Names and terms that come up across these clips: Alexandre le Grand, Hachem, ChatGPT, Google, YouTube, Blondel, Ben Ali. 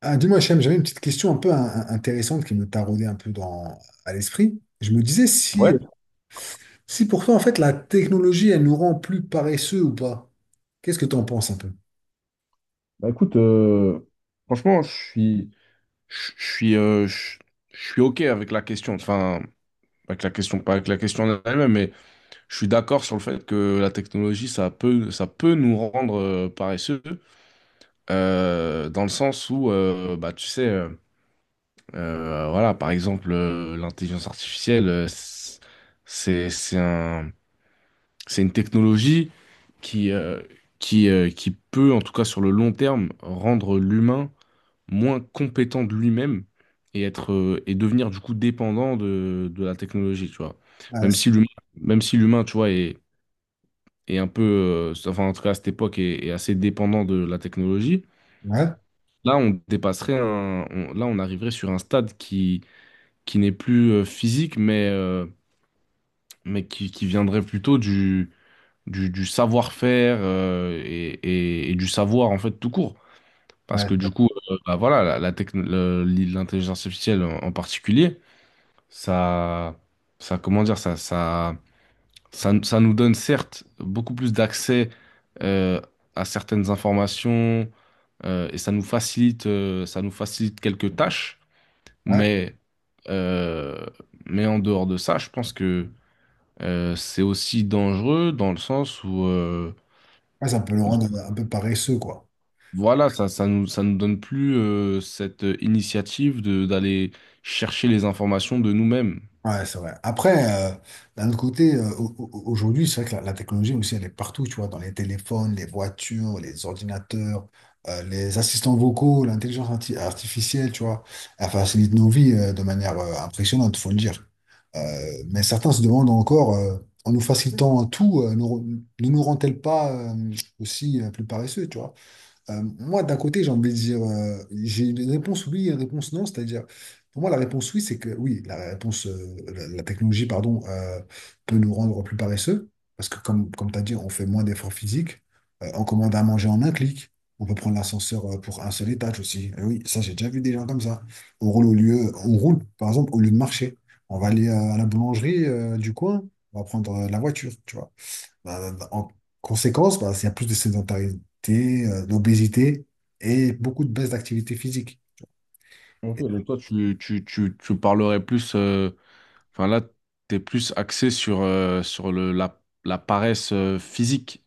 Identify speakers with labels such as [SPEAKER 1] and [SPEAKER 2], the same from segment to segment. [SPEAKER 1] Ah, dis-moi, Hachem, j'avais une petite question un peu intéressante qui me taraudait un peu à l'esprit. Je me disais
[SPEAKER 2] Ouais,
[SPEAKER 1] si pour toi, en fait, la technologie, elle nous rend plus paresseux ou pas. Qu'est-ce que tu en penses un peu?
[SPEAKER 2] bah écoute, franchement, je suis, je suis, je suis OK avec la question, enfin, avec la question, pas avec la question en elle-même, mais je suis d'accord sur le fait que la technologie, ça peut nous rendre paresseux, dans le sens où, bah, tu sais, voilà, par exemple, l'intelligence artificielle, c'est c'est un, C'est une technologie qui, euh, qui peut, en tout cas sur le long terme, rendre l'humain moins compétent de lui-même et être, et devenir du coup dépendant de la technologie, tu vois.
[SPEAKER 1] Ouais,
[SPEAKER 2] Même
[SPEAKER 1] c'est-
[SPEAKER 2] si l'humain, même si l'humain, tu vois, est un peu, enfin en tout cas à cette époque, est assez dépendant de la technologie,
[SPEAKER 1] ouais,
[SPEAKER 2] là on dépasserait là on arriverait sur un stade qui n'est plus physique, mais qui viendrait plutôt du savoir-faire et du savoir en fait tout court. Parce que du
[SPEAKER 1] ouais,
[SPEAKER 2] coup, bah voilà, l'intelligence artificielle en particulier, ça, comment dire, ça nous donne certes beaucoup plus d'accès euh, à certaines informations et ça nous facilite quelques tâches,
[SPEAKER 1] ouais.
[SPEAKER 2] mais euh, mais en dehors de ça, je pense que c'est aussi dangereux dans le sens où.
[SPEAKER 1] Ouais, ça peut le rendre un peu paresseux, quoi.
[SPEAKER 2] Voilà, ça nous donne plus cette initiative de d'aller chercher les informations de nous-mêmes.
[SPEAKER 1] Ouais, c'est vrai. Après, d'un autre côté, aujourd'hui, c'est vrai que la technologie aussi, elle est partout, tu vois, dans les téléphones, les voitures, les ordinateurs, les assistants vocaux, l'intelligence artificielle, tu vois, elle facilite nos vies de manière impressionnante, faut le dire. Euh, mais certains se demandent encore, en nous facilitant tout, nous ne nous rend-elle pas aussi plus paresseux, tu vois? Moi, d'un côté, j'ai envie de dire, j'ai une réponse oui et une réponse non, c'est-à-dire, pour moi, la réponse oui, c'est que oui, la réponse, la technologie, pardon, peut nous rendre plus paresseux, parce que comme tu as dit, on fait moins d'efforts physiques. On commande à manger en un clic, on peut prendre l'ascenseur pour un seul étage aussi. Eh oui, ça, j'ai déjà vu des gens comme ça. On roule, par exemple, au lieu de marcher. On va aller à la boulangerie du coin, on va prendre la voiture, tu vois. Bah, en conséquence, bah, il y a plus de sédentarité, d'obésité et beaucoup de baisse d'activité physique.
[SPEAKER 2] Ok, donc toi, tu parlerais plus, enfin là, t'es plus axé sur, la paresse physique.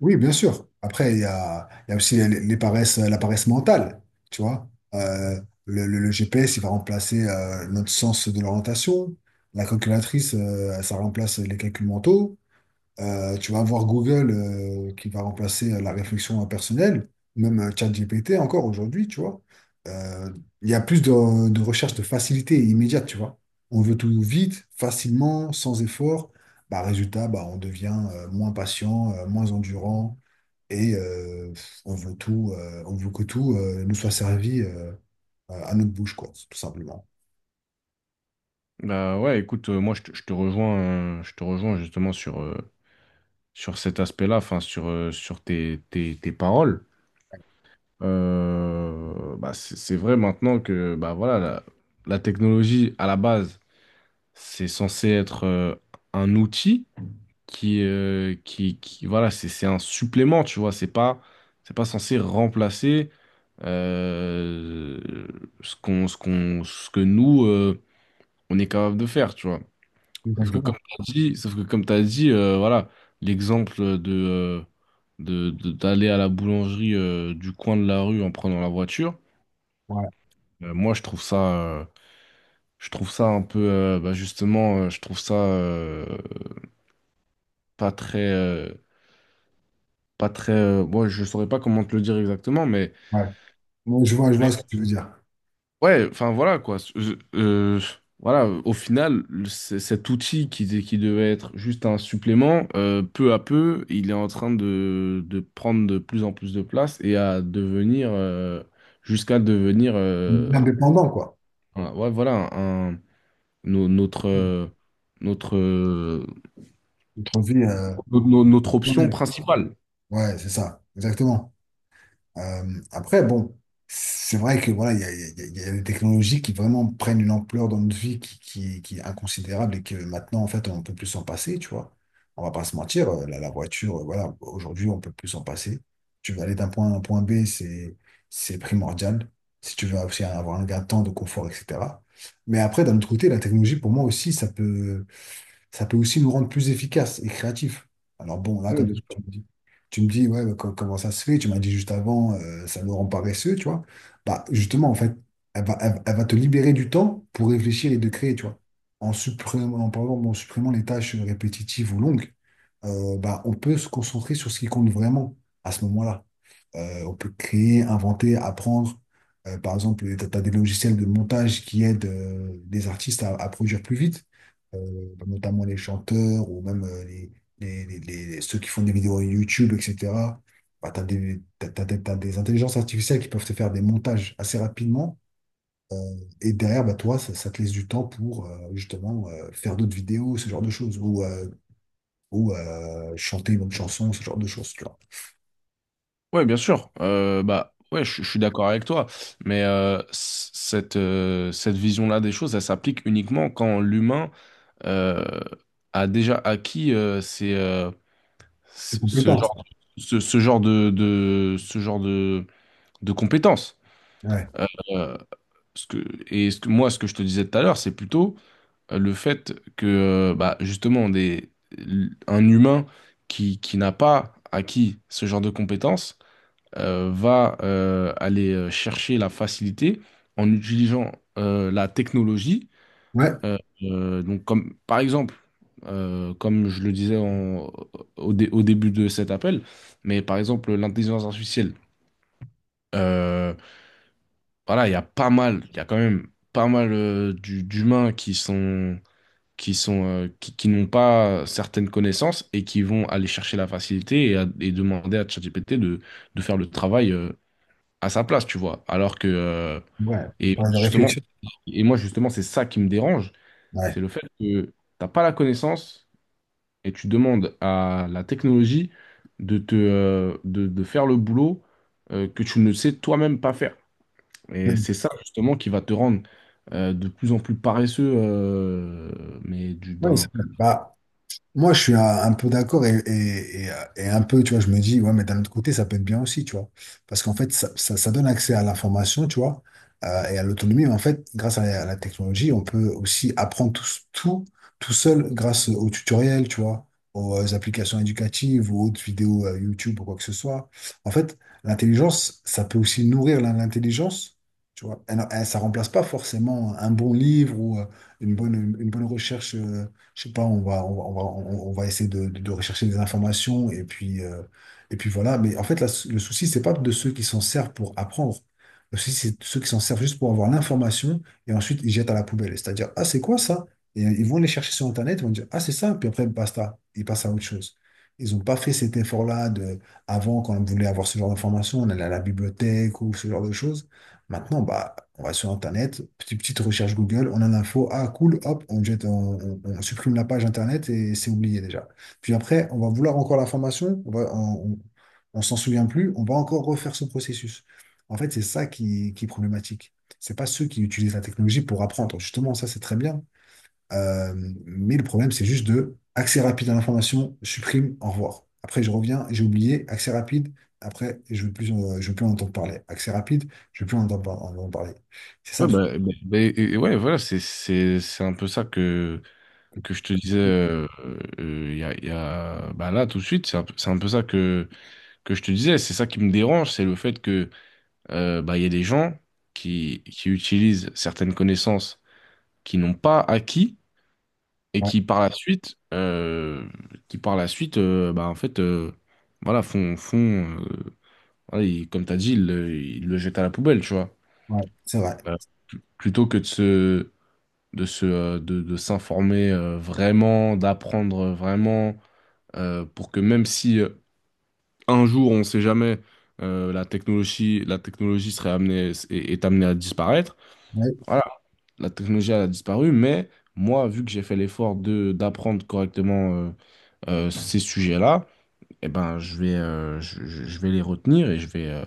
[SPEAKER 1] Oui, bien sûr. Après, il y a aussi les paresses, la paresse mentale, tu vois. Le GPS, il va remplacer notre sens de l'orientation. La calculatrice, ça remplace les calculs mentaux. Tu vas avoir Google qui va remplacer la réflexion impersonnelle, même ChatGPT encore aujourd'hui, tu vois. Euh, Il y a plus de recherche de facilité immédiate, tu vois. On veut tout vite, facilement, sans effort. Bah, résultat, bah, on devient moins patient, moins endurant, et on veut tout, on veut que tout nous soit servi à notre bouche, quoi, tout simplement.
[SPEAKER 2] Bah ouais, écoute, je te rejoins justement sur, sur cet aspect-là, enfin sur, tes paroles. Bah c'est vrai maintenant que bah voilà, la technologie à la base, c'est censé être un outil qui, qui voilà, c'est un supplément, tu vois, c'est pas censé remplacer euh, ce que nous, on est capable de faire, tu vois.
[SPEAKER 1] Exactement.
[SPEAKER 2] Sauf que comme t'as dit voilà, l'exemple de, d'aller à la boulangerie du coin de la rue en prenant la voiture,
[SPEAKER 1] Ouais,
[SPEAKER 2] moi euh, je trouve ça un peu, bah, justement, je trouve ça pas très, euh, pas très, moi je saurais pas comment te le dire exactement, mais…
[SPEAKER 1] ouais. Moi, je vois ce que tu veux dire.
[SPEAKER 2] Ouais, enfin voilà quoi. Voilà, au final, cet outil qui devait être juste un supplément, peu à peu, il est en train de prendre de plus en plus de place et à devenir, jusqu'à devenir,
[SPEAKER 1] On devient dépendant, quoi.
[SPEAKER 2] ouais, voilà, notre, notre,
[SPEAKER 1] Notre vie.
[SPEAKER 2] notre option
[SPEAKER 1] Blondel.
[SPEAKER 2] principale.
[SPEAKER 1] Ouais, c'est ça, exactement. Après, bon, c'est vrai que voilà, il y a des technologies qui vraiment prennent une ampleur dans notre vie qui est inconsidérable et que maintenant, en fait, on ne peut plus s'en passer, tu vois. On va pas se mentir, la voiture, voilà, aujourd'hui, on peut plus s'en passer. Tu veux aller d'un point A à un point B, c'est primordial. Si tu veux aussi avoir un gain de temps, de confort, etc. Mais après, d'un autre côté, la technologie, pour moi aussi, ça peut aussi nous rendre plus efficaces et créatifs. Alors bon, là,
[SPEAKER 2] Oui,
[SPEAKER 1] comme
[SPEAKER 2] bien
[SPEAKER 1] ça,
[SPEAKER 2] sûr.
[SPEAKER 1] tu me dis ouais, mais comment ça se fait? Tu m'as dit juste avant, ça nous rend paresseux, tu vois. Bah, justement, en fait, elle va te libérer du temps pour réfléchir et de créer, tu vois. En supprimant les tâches répétitives ou longues, bah, on peut se concentrer sur ce qui compte vraiment à ce moment-là. On peut créer, inventer, apprendre. Par exemple, tu as des logiciels de montage qui aident des artistes à produire plus vite, notamment les chanteurs ou même les- les- ceux qui font des vidéos YouTube, etc. Bah, t'as des intelligences artificielles qui peuvent te faire des montages assez rapidement. euh, et derrière, bah, toi, ça te laisse du temps pour justement faire d'autres vidéos, ce genre de choses, ou chanter une autre chanson, ce genre de choses, tu vois.
[SPEAKER 2] Ouais, bien sûr. Bah ouais, je suis d'accord avec toi. Mais cette cette vision-là des choses, elle s'applique uniquement quand l'humain euh, a déjà acquis ces,
[SPEAKER 1] C'est
[SPEAKER 2] ce ce
[SPEAKER 1] compétent, ça.
[SPEAKER 2] genre ce, ce genre de ce genre de compétences.
[SPEAKER 1] Ouais.
[SPEAKER 2] Euh, ce que, et ce que, moi, ce que je te disais tout à l'heure, c'est plutôt le fait que, bah, justement, un humain qui n'a pas acquis ce genre de compétences va aller chercher la facilité en utilisant la technologie.
[SPEAKER 1] Ouais.
[SPEAKER 2] Donc comme, par exemple, comme je le disais au début de cet appel, mais par exemple l'intelligence artificielle. Euh, voilà, il y a pas mal, il y a quand même pas mal d'humains qui sont qui n'ont pas certaines connaissances et qui vont aller chercher la facilité et demander à ChatGPT de faire le travail à sa place, tu vois. Alors que,
[SPEAKER 1] Ouais. Le travail de
[SPEAKER 2] justement,
[SPEAKER 1] réflexion.
[SPEAKER 2] et moi, justement, c'est ça qui me dérange,
[SPEAKER 1] Ouais.
[SPEAKER 2] c'est le fait que t'as pas la connaissance et tu demandes à la technologie de te, de faire le boulot que tu ne sais toi-même pas faire. Et c'est ça, justement, qui va te rendre de plus en plus paresseux,
[SPEAKER 1] Ouais, c'est
[SPEAKER 2] d'un.
[SPEAKER 1] vrai. Bah, moi, je suis un peu d'accord et un peu, tu vois, je me dis, ouais, mais d'un autre côté, ça peut être bien aussi, tu vois. Parce qu'en fait, ça donne accès à l'information, tu vois, et à l'autonomie. Mais en fait, grâce à à la technologie, on peut aussi apprendre tout, tout seul grâce aux tutoriels, tu vois, aux applications éducatives ou autres vidéos YouTube ou quoi que ce soit. En fait, l'intelligence, ça peut aussi nourrir l'intelligence, tu vois. Ça remplace pas forcément un bon livre ou une bonne, une bonne recherche. Je sais pas, on va essayer de rechercher des informations et puis, voilà. Mais en fait, le souci, c'est pas de ceux qui s'en servent pour apprendre. Le souci, c'est de ceux qui s'en servent juste pour avoir l'information et ensuite ils jettent à la poubelle. C'est-à-dire, ah, c'est quoi ça? Et ils vont les chercher sur Internet, ils vont dire, ah, c'est ça, puis après, basta, ils passent à autre chose. Ils n'ont pas fait cet effort-là de, avant, quand on voulait avoir ce genre d'informations, on allait à la bibliothèque ou ce genre de choses. Maintenant, bah, on va sur Internet, petite recherche Google, on a l'info, ah cool, hop, on jette, on supprime la page Internet et c'est oublié déjà. Puis après, on va vouloir encore l'information, on s'en souvient plus, on va encore refaire ce processus. En fait, c'est ça qui est problématique. C'est pas ceux qui utilisent la technologie pour apprendre. Justement, ça, c'est très bien. Euh, mais le problème, c'est juste de accès rapide à l'information, supprime, au revoir. Après, je reviens, j'ai oublié, accès rapide. Après, je veux plus en entendre parler. Accès rapide, je veux plus en entendre, par- en entendre parler. C'est ça
[SPEAKER 2] Ouais,
[SPEAKER 1] le souci.
[SPEAKER 2] bah, bah, bah, et- et ouais, voilà, c'est un peu ça que je te disais il y a, bah là, tout de suite, c'est un peu ça que je te disais, c'est ça qui me dérange, c'est le fait que bah, il y a des gens qui utilisent certaines connaissances qu'ils n'ont pas acquis et
[SPEAKER 1] Ouais,
[SPEAKER 2] qui par la suite, bah, en fait, voilà, font voilà, ils- comme tu as dit, ils le jettent à la poubelle, tu vois.
[SPEAKER 1] ouais, c'est vrai.
[SPEAKER 2] Euh, plutôt que de se, de s'informer vraiment, d'apprendre vraiment, pour que même si un jour, on ne sait jamais, la technologie serait amenée, est amenée à disparaître.
[SPEAKER 1] Ouais,
[SPEAKER 2] Voilà, la technologie elle a disparu, mais moi, vu que j'ai fait l'effort de d'apprendre correctement ces sujets-là, eh ben, je vais les retenir et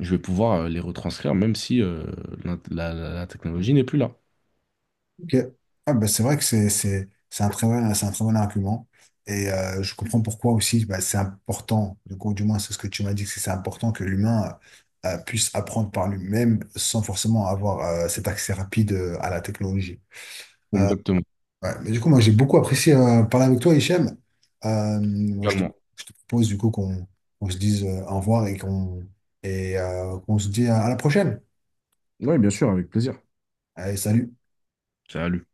[SPEAKER 2] je vais pouvoir les retranscrire, même si la technologie n'est plus là.
[SPEAKER 1] ok. Ah, bah, c'est vrai que c'est un c'est un très bon argument. Et je comprends pourquoi aussi, bah, c'est important. Du coup, du moins, c'est ce que tu m'as dit, que c'est important que l'humain puisse apprendre par lui-même sans forcément avoir cet accès rapide à la technologie. Euh,
[SPEAKER 2] Exactement.
[SPEAKER 1] Ouais, mais du coup, moi, j'ai beaucoup apprécié parler avec toi, Hichem. Euh, moi, je te,
[SPEAKER 2] Également.
[SPEAKER 1] je te propose du coup qu'on se dise au revoir et qu'on se dit à la prochaine.
[SPEAKER 2] Oui, bien sûr, avec plaisir.
[SPEAKER 1] Allez, salut.
[SPEAKER 2] Salut.